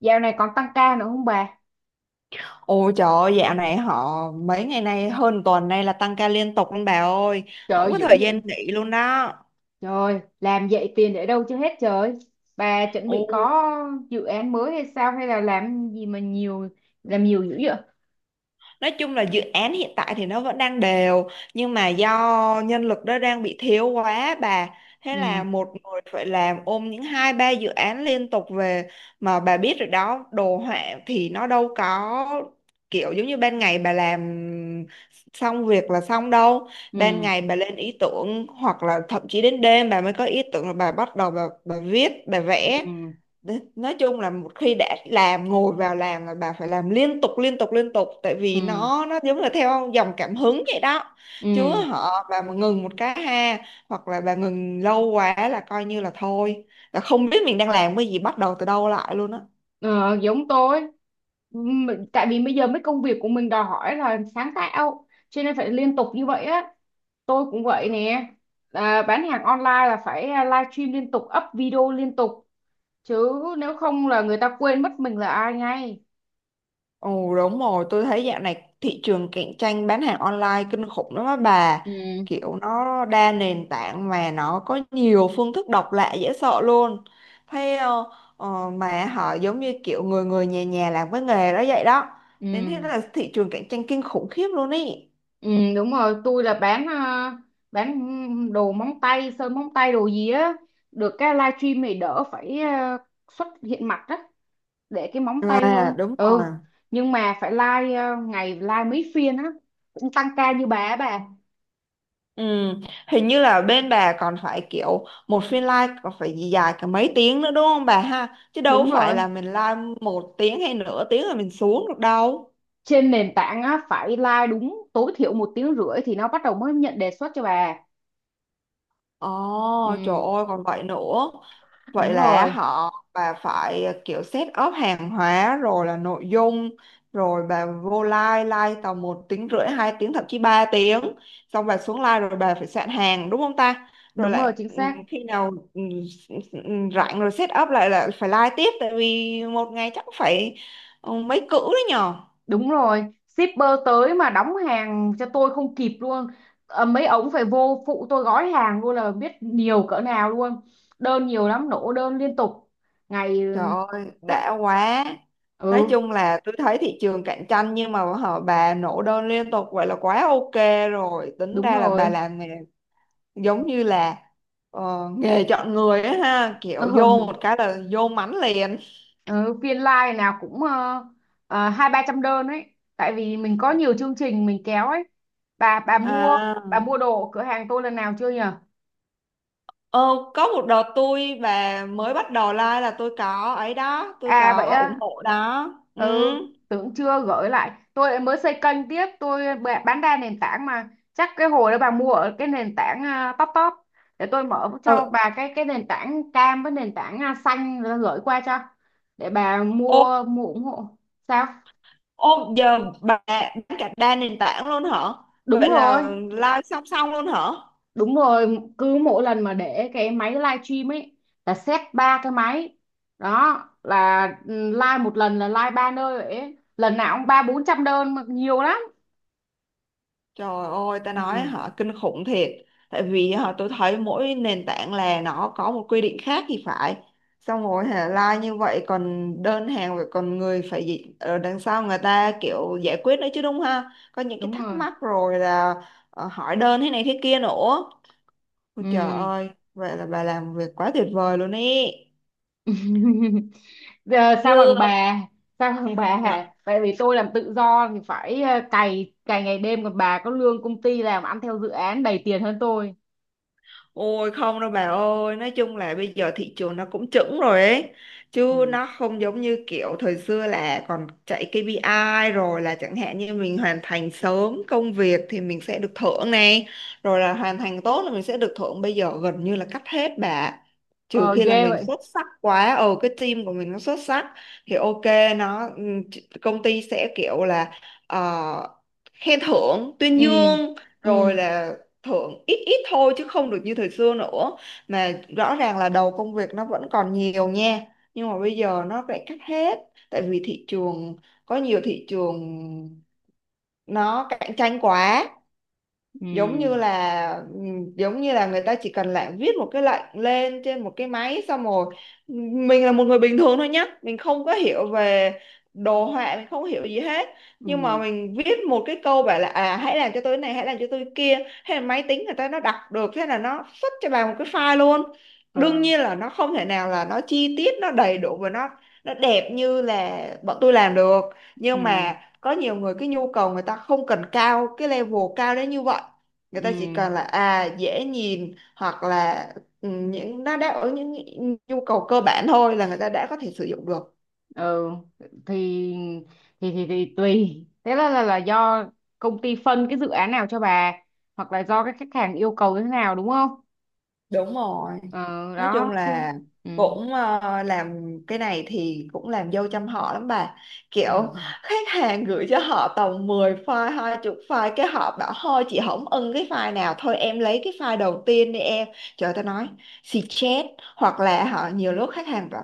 Dạo này còn tăng ca nữa không bà? Ôi trời ơi, dạo này họ mấy ngày nay hơn tuần nay là tăng ca liên tục luôn bà ơi. Trời Không ơi, có dữ thời gian vậy. nghỉ luôn đó. Trời ơi, làm vậy tiền để đâu cho hết trời. Bà chuẩn bị có dự án mới hay sao, hay là làm gì mà nhiều, làm nhiều dữ vậy? Nói chung là dự án hiện tại thì nó vẫn đang đều, nhưng mà do nhân lực đó đang bị thiếu quá bà. Thế Ừ. là một người phải làm ôm những hai ba dự án liên tục về, mà bà biết rồi đó, đồ họa thì nó đâu có kiểu giống như ban ngày bà làm xong việc là xong đâu. Ban ừ ngày bà lên ý tưởng, hoặc là thậm chí đến đêm bà mới có ý tưởng là bà bắt đầu bà viết bà vẽ. ừ Nói chung là một khi đã làm ngồi vào làm là bà phải làm liên tục liên tục liên tục, tại vì ừ nó giống là theo dòng cảm hứng vậy đó. Chứ ừ họ bà mà ngừng một cái ha, hoặc là bà ngừng lâu quá là coi như là thôi, là không biết mình đang làm cái gì, bắt đầu từ đâu lại luôn á. ờ, Giống tôi. Tại vì bây giờ mấy công việc của mình đòi hỏi là sáng tạo, cho nên phải liên tục như vậy á. Tôi cũng vậy nè. Bán hàng online là phải live stream liên tục, up video liên tục chứ, nếu không là người ta quên mất mình là ai ngay. Ồ đúng rồi, tôi thấy dạo này thị trường cạnh tranh bán hàng online kinh khủng lắm á bà. Ừ Kiểu nó đa nền tảng mà nó có nhiều phương thức độc lạ dễ sợ luôn. Thế ờ, mà họ giống như kiểu người người nhà nhà làm cái nghề đó vậy đó. Nên thế ừ là thị trường cạnh tranh kinh khủng khiếp luôn ý. ừ. Đúng rồi, tôi là bán bán đồ móng tay, sơn móng tay, đồ gì á, được cái livestream này đỡ phải xuất hiện mặt á, để cái móng tay thôi. À đúng Ừ, rồi. nhưng mà phải live ngày live mấy phiên á, cũng tăng ca như bà á bà. Ừ, hình như là bên bà còn phải kiểu một phiên live còn phải gì dài cả mấy tiếng nữa đúng không bà ha? Chứ đâu Đúng phải rồi, là mình live một tiếng hay nửa tiếng rồi mình xuống được đâu. trên nền tảng á phải live đúng tối thiểu một tiếng rưỡi thì nó bắt đầu mới nhận đề xuất cho bà. Ồ, trời Ừ. ơi còn vậy nữa. Vậy Đúng là rồi. họ bà phải kiểu set up hàng hóa rồi là nội dung, rồi bà vô live live tầm một tiếng rưỡi hai tiếng thậm chí 3 tiếng, xong bà xuống live rồi bà phải soạn hàng đúng không ta, rồi Đúng rồi, lại chính xác. khi nào rảnh rồi set up lại là phải live tiếp, tại vì một ngày chắc phải ừ, mấy cữ đấy nhờ. Đúng rồi, shipper tới mà đóng hàng cho tôi không kịp luôn. Ờ, mấy ống phải vô phụ tôi gói hàng luôn là biết nhiều cỡ nào luôn. Đơn nhiều lắm, nổ đơn liên tục. Ngày Trời ơi, chắc. đã quá. Nói Ừ. chung là tôi thấy thị trường cạnh tranh nhưng mà họ bà nổ đơn liên tục vậy là quá ok rồi. Tính Đúng ra là bà rồi. làm nghề giống như là nghề chọn người á ha, kiểu vô Ừ. một cái là vô mánh liền. Ừ, phiên live nào cũng hai ba trăm đơn ấy. Tại vì mình có nhiều chương trình mình kéo ấy. Bà mua, À, bà mua đồ ở cửa hàng tôi lần nào chưa nhỉ? ờ, có một đợt tôi và mới bắt đầu like là tôi có ấy đó, tôi À vậy có ủng á. hộ đó. Ừ. Ừ, tưởng chưa gửi lại. Tôi lại mới xây kênh tiếp, tôi bán đa nền tảng mà, chắc cái hồi đó bà mua ở cái nền tảng top top. Để tôi mở cho Ừ. bà cái nền tảng cam với nền tảng xanh rồi gửi qua cho, để bà Ô, mua, mua ủng hộ. Sao? ô, giờ bà bán cả đa nền tảng luôn hả? Đúng Vậy rồi. là live song song luôn hả? Đúng rồi, cứ mỗi lần mà để cái máy livestream ấy là set ba cái máy đó, là live một lần là live ba nơi vậy ấy. Lần nào cũng ba bốn trăm đơn mà, nhiều lắm. Trời ơi, ta nói Ừ. họ kinh khủng thiệt. Tại vì họ tôi thấy mỗi nền tảng là nó có một quy định khác thì phải. Xong rồi hả, like như vậy còn đơn hàng rồi còn người phải gì ở đằng sau người ta kiểu giải quyết nữa chứ đúng ha. Có những cái Đúng thắc rồi. mắc rồi là hỏi đơn thế này thế kia nữa. Ôi trời Ừ. ơi, vậy là bà làm việc quá tuyệt vời luôn ý. Giờ sao Chưa. bằng bà, sao bằng bà hả, tại vì tôi làm tự do thì phải cày cày ngày đêm, còn bà có lương công ty, làm ăn theo dự án đầy tiền hơn tôi. Ôi không đâu bà ơi, nói chung là bây giờ thị trường nó cũng chững rồi ấy. Chứ Ừ. nó không giống như kiểu thời xưa là còn chạy KPI rồi là chẳng hạn như mình hoàn thành sớm công việc thì mình sẽ được thưởng này. Rồi là hoàn thành tốt là mình sẽ được thưởng. Bây giờ gần như là cắt hết bà. Trừ Ờ khi là ghê mình vậy. xuất sắc quá, ờ cái team của mình nó xuất sắc thì ok, nó công ty sẽ kiểu là ờ, khen thưởng, tuyên Ừ. dương, ừ rồi là thưởng ít ít thôi chứ không được như thời xưa nữa, mà rõ ràng là đầu công việc nó vẫn còn nhiều nha, nhưng mà bây giờ nó lại cắt hết, tại vì thị trường, có nhiều thị trường nó cạnh tranh quá, giống ừ như là ừ, giống như là người ta chỉ cần lại viết một cái lệnh lên trên một cái máy xong rồi ừ, mình là một người bình thường thôi nhá, mình không có hiểu về đồ họa, mình không hiểu gì hết, nhưng mà ừ mình viết một cái câu bảo là à hãy làm cho tôi cái này hãy làm cho tôi cái kia, hay là máy tính người ta nó đọc được thế là nó xuất cho bà một cái file luôn. ờ Đương nhiên là nó không thể nào là nó chi tiết nó đầy đủ và nó đẹp như là bọn tôi làm được, nhưng ừ mà có nhiều người cái nhu cầu người ta không cần cao cái level cao đến như vậy. Người ừ ta chỉ cần là à dễ nhìn hoặc là ừ, những nó đáp ứng những nhu cầu cơ bản thôi là người ta đã có thể sử dụng được. ừ. thì Thì, tùy, là do công ty phân cái dự án nào cho bà, hoặc là do cái khách hàng yêu cầu thế nào, đúng không? Đúng rồi, Ờ nói đó chung chứ. là Ừ. cũng làm cái này thì cũng làm dâu trăm họ lắm bà, Ờ. kiểu khách hàng gửi cho họ tầm 10 file hai chục file cái họ bảo thôi chị không ưng cái file nào thôi em lấy cái file đầu tiên đi em. Trời ta nói, xì chết. Hoặc là họ nhiều lúc khách hàng bảo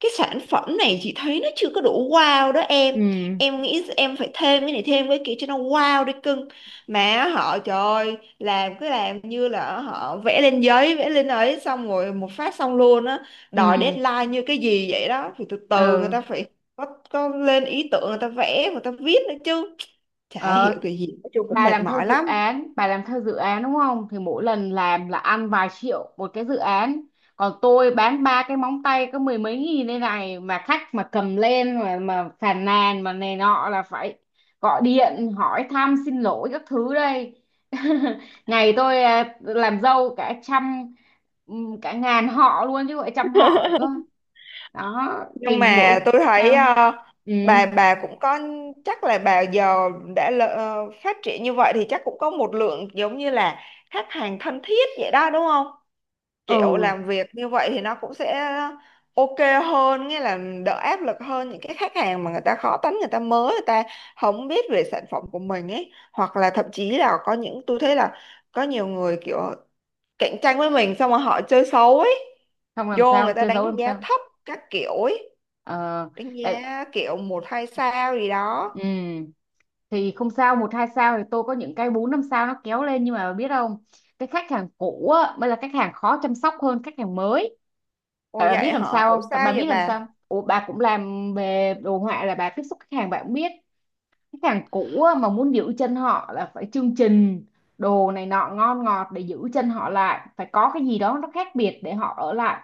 cái sản phẩm này chị thấy nó chưa có đủ wow đó em ừ em nghĩ em phải thêm cái này thêm cái kia cho nó wow đi cưng. Mà họ trời ơi, làm cứ làm như là họ vẽ lên giấy vẽ lên ấy xong rồi một phát xong luôn á, ừ đòi deadline như cái gì vậy đó, thì từ từ người ừ ta phải có, lên ý tưởng người ta vẽ người ta viết nữa chứ, chả hiểu ờ, cái gì, nói chung cũng bà mệt làm theo mỏi dự lắm. án, bà làm theo dự án đúng không, thì mỗi lần làm là ăn vài triệu một cái dự án, còn tôi bán ba cái móng tay có mười mấy nghìn đây này, mà khách mà cầm lên mà phàn nàn mà này nọ là phải gọi điện hỏi thăm xin lỗi các thứ đây. Ngày tôi làm dâu cả trăm, cả ngàn họ luôn chứ gọi trăm họ nữa. Đó thì Nhưng mà mỗi. tôi thấy Sao? ờ, Ừ. bà bà cũng có, chắc là bà giờ đã phát triển như vậy thì chắc cũng có một lượng giống như là khách hàng thân thiết vậy đó đúng không, kiểu Ừ. làm việc như vậy thì nó cũng sẽ ok hơn, nghĩa là đỡ áp lực hơn những cái khách hàng mà người ta khó tính, người ta mới, người ta không biết về sản phẩm của mình ấy, hoặc là thậm chí là có những tôi thấy là có nhiều người kiểu cạnh tranh với mình xong rồi họ chơi xấu ấy, Không, làm vô sao người ta che giấu đánh làm giá sao? thấp các kiểu ấy, Ờ, đánh tại. giá kiểu một hai sao gì đó. ừ, thì không sao, một hai sao thì tôi có những cái bốn năm sao nó kéo lên, nhưng mà biết không? Cái khách hàng cũ á, mới là khách hàng khó chăm sóc hơn khách hàng mới. Ồ Tại bà vậy biết làm hả, sao ủa không? Tại sao bà vậy biết làm sao bà? không? Ủa, bà cũng làm về đồ họa là bà tiếp xúc khách hàng bà cũng biết. Khách hàng cũ á, mà muốn giữ chân họ là phải chương trình, đồ này nọ ngon ngọt để giữ chân họ lại, phải có cái gì đó nó khác biệt để họ ở lại.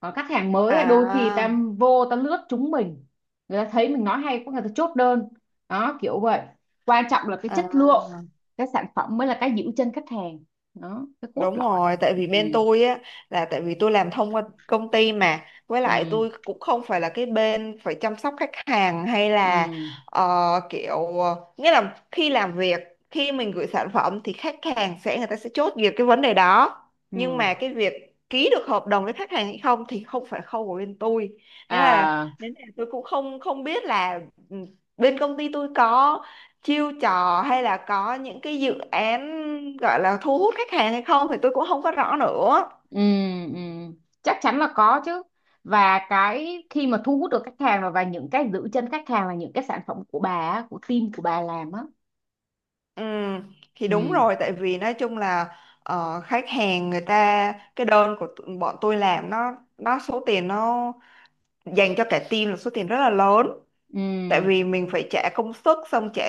Còn khách hàng mới ấy, đôi khi à ta vô ta lướt chúng mình, người ta thấy mình nói hay, có người ta chốt đơn, đó kiểu vậy. Quan trọng là cái chất lượng, à cái sản phẩm mới là cái giữ chân khách hàng, đó cái cốt Đúng lõi. rồi, tại Ừ. vì bên tôi á là tại vì tôi làm thông qua công ty, mà với ừ lại tôi cũng không phải là cái bên phải chăm sóc khách hàng hay là ừ ờ, nghĩa là khi làm việc, khi mình gửi sản phẩm thì khách hàng sẽ người ta sẽ chốt việc cái vấn đề đó, nhưng ừ mà cái việc ký được hợp đồng với khách hàng hay không thì không phải khâu của bên tôi. Thế là à nên là tôi cũng không không biết là ừ, bên công ty tôi có chiêu trò hay là có những cái dự án gọi là thu hút khách hàng hay không thì tôi cũng không có rõ nữa. ừ ừ Chắc chắn là có chứ. Và cái khi mà thu hút được khách hàng, và những cái giữ chân khách hàng là những cái sản phẩm của bà á, của team của bà làm á. Ừ, thì đúng ừ rồi, tại vì nói chung là khách hàng người ta cái đơn của tụi- bọn tôi làm nó số tiền nó dành cho cả team là số tiền rất là lớn, ừ tại vì mình phải trả công sức xong trả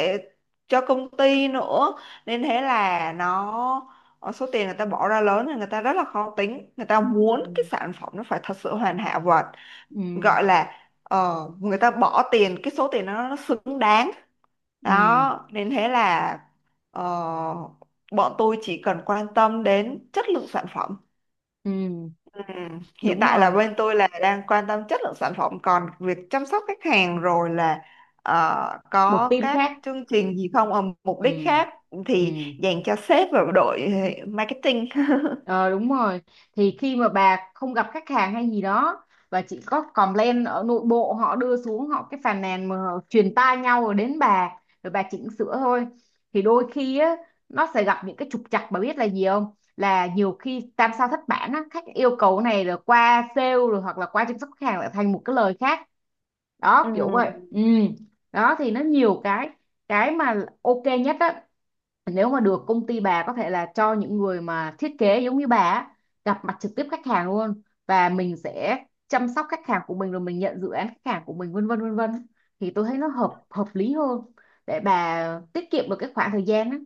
cho công ty nữa, nên thế là nó số tiền người ta bỏ ra lớn thì người ta rất là khó tính, người ta muốn cái ừ sản phẩm nó phải thật sự hoàn hảo và ừ gọi là người ta bỏ tiền cái số tiền đó nó xứng đáng. ừ Đó nên thế là ờ, bọn tôi chỉ cần quan tâm đến chất lượng sản phẩm. Ừ. Ừ. Hiện Đúng tại là rồi, bên tôi là đang quan tâm chất lượng sản phẩm, còn việc chăm sóc khách hàng rồi là một có team các khác. chương trình gì không, mục Ừ. đích khác Ừ. thì dành cho sếp và đội marketing. Ờ, đúng rồi, thì khi mà bà không gặp khách hàng hay gì đó và chỉ có complain ở nội bộ, họ đưa xuống họ cái phàn nàn mà họ truyền tai nhau rồi đến bà, rồi bà chỉnh sửa thôi, thì đôi khi á nó sẽ gặp những cái trục trặc. Bà biết là gì không, là nhiều khi tam sao thất bản á, khách yêu cầu cái này rồi qua sale rồi hoặc là qua chăm sóc khách hàng lại thành một cái lời khác, đó kiểu Ừ. vậy. Ừ. Đó thì nó nhiều cái mà ok nhất á, nếu mà được công ty bà có thể là cho những người mà thiết kế giống như bà á, gặp mặt trực tiếp khách hàng luôn, và mình sẽ chăm sóc khách hàng của mình, rồi mình nhận dự án khách hàng của mình, vân vân vân vân, thì tôi thấy nó hợp hợp lý hơn, để bà tiết kiệm được cái khoảng thời gian á,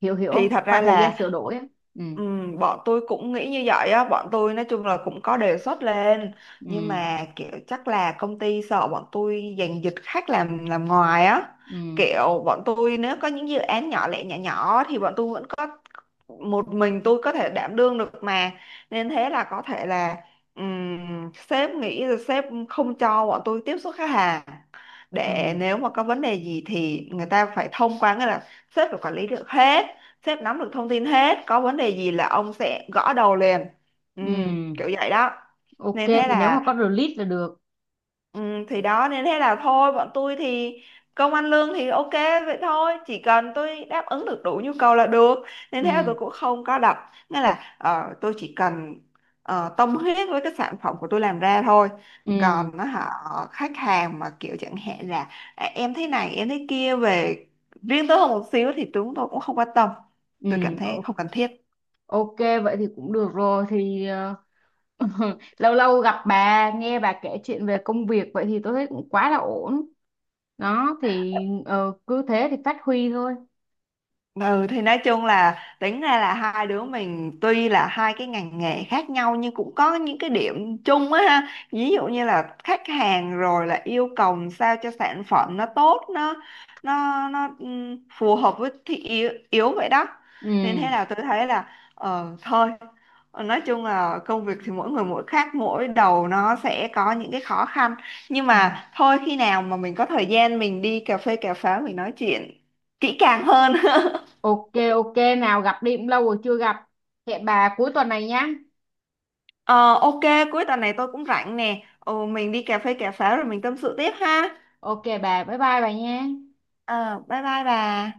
hiểu hiểu Thì không, thật ra khoảng thời là gian sửa ờ, đổi á. Ừ. Bọn tôi cũng nghĩ như vậy á, bọn tôi nói chung là cũng có đề xuất lên, nhưng ừ mà kiểu chắc là công ty sợ bọn tôi giành giật khách làm ngoài á, ừ kiểu bọn tôi nếu có những dự án nhỏ lẻ nhỏ nhỏ thì bọn tôi vẫn có, một mình tôi có thể đảm đương được mà, nên thế là có thể là sếp nghĩ là sếp không cho bọn tôi tiếp xúc khách hàng, ừ để nếu mà có vấn đề gì thì người ta phải thông qua, nghĩa là sếp phải quản lý được hết, sếp nắm được thông tin hết, có vấn đề gì là ông sẽ gõ đầu liền, ừ, kiểu ừ vậy đó. ok, Nên thế thì nếu mà là có release là được. ừ, thì đó nên thế là thôi bọn tôi thì công ăn lương thì ok vậy thôi, chỉ cần tôi đáp ứng được đủ nhu cầu là được, nên Ừ. thế là tôi cũng không có đặt, nghĩa là tôi chỉ cần tâm huyết với cái sản phẩm của tôi làm ra thôi. ừ Còn nó họ, khách hàng mà kiểu chẳng hạn là à, em thấy này em thấy kia về riêng tôi hơn một xíu thì chúng tôi cũng không quan tâm, ừ tôi cảm thấy o- không cần thiết. ok vậy thì cũng được rồi, thì ờ, lâu lâu gặp bà nghe bà kể chuyện về công việc vậy thì tôi thấy cũng quá là ổn, đó thì ờ, cứ thế thì phát huy thôi. Ừ thì nói chung là tính ra là hai đứa mình tuy là hai cái ngành nghề khác nhau nhưng cũng có những cái điểm chung á ha. Ví dụ như là khách hàng rồi là yêu cầu sao cho sản phẩm nó tốt, nó phù hợp với thị yếu, yếu vậy đó. Nên thế Ừ. là tôi thấy là thôi. Ờ, nói chung là công việc thì mỗi người mỗi khác, mỗi đầu nó sẽ có những cái khó khăn, nhưng Ừ. mà thôi khi nào mà mình có thời gian mình đi cà phê cà pháo mình nói chuyện kỹ càng hơn. Ok. Ok nào, gặp đi cũng lâu rồi chưa gặp, hẹn bà cuối tuần này nhá. Ờ, ok, cuối tuần này tôi cũng rảnh nè. Ồ, mình đi cà phê cà pháo rồi mình tâm sự tiếp ha. Ok bà, bye bye bà nha. Ờ, bye bye bà.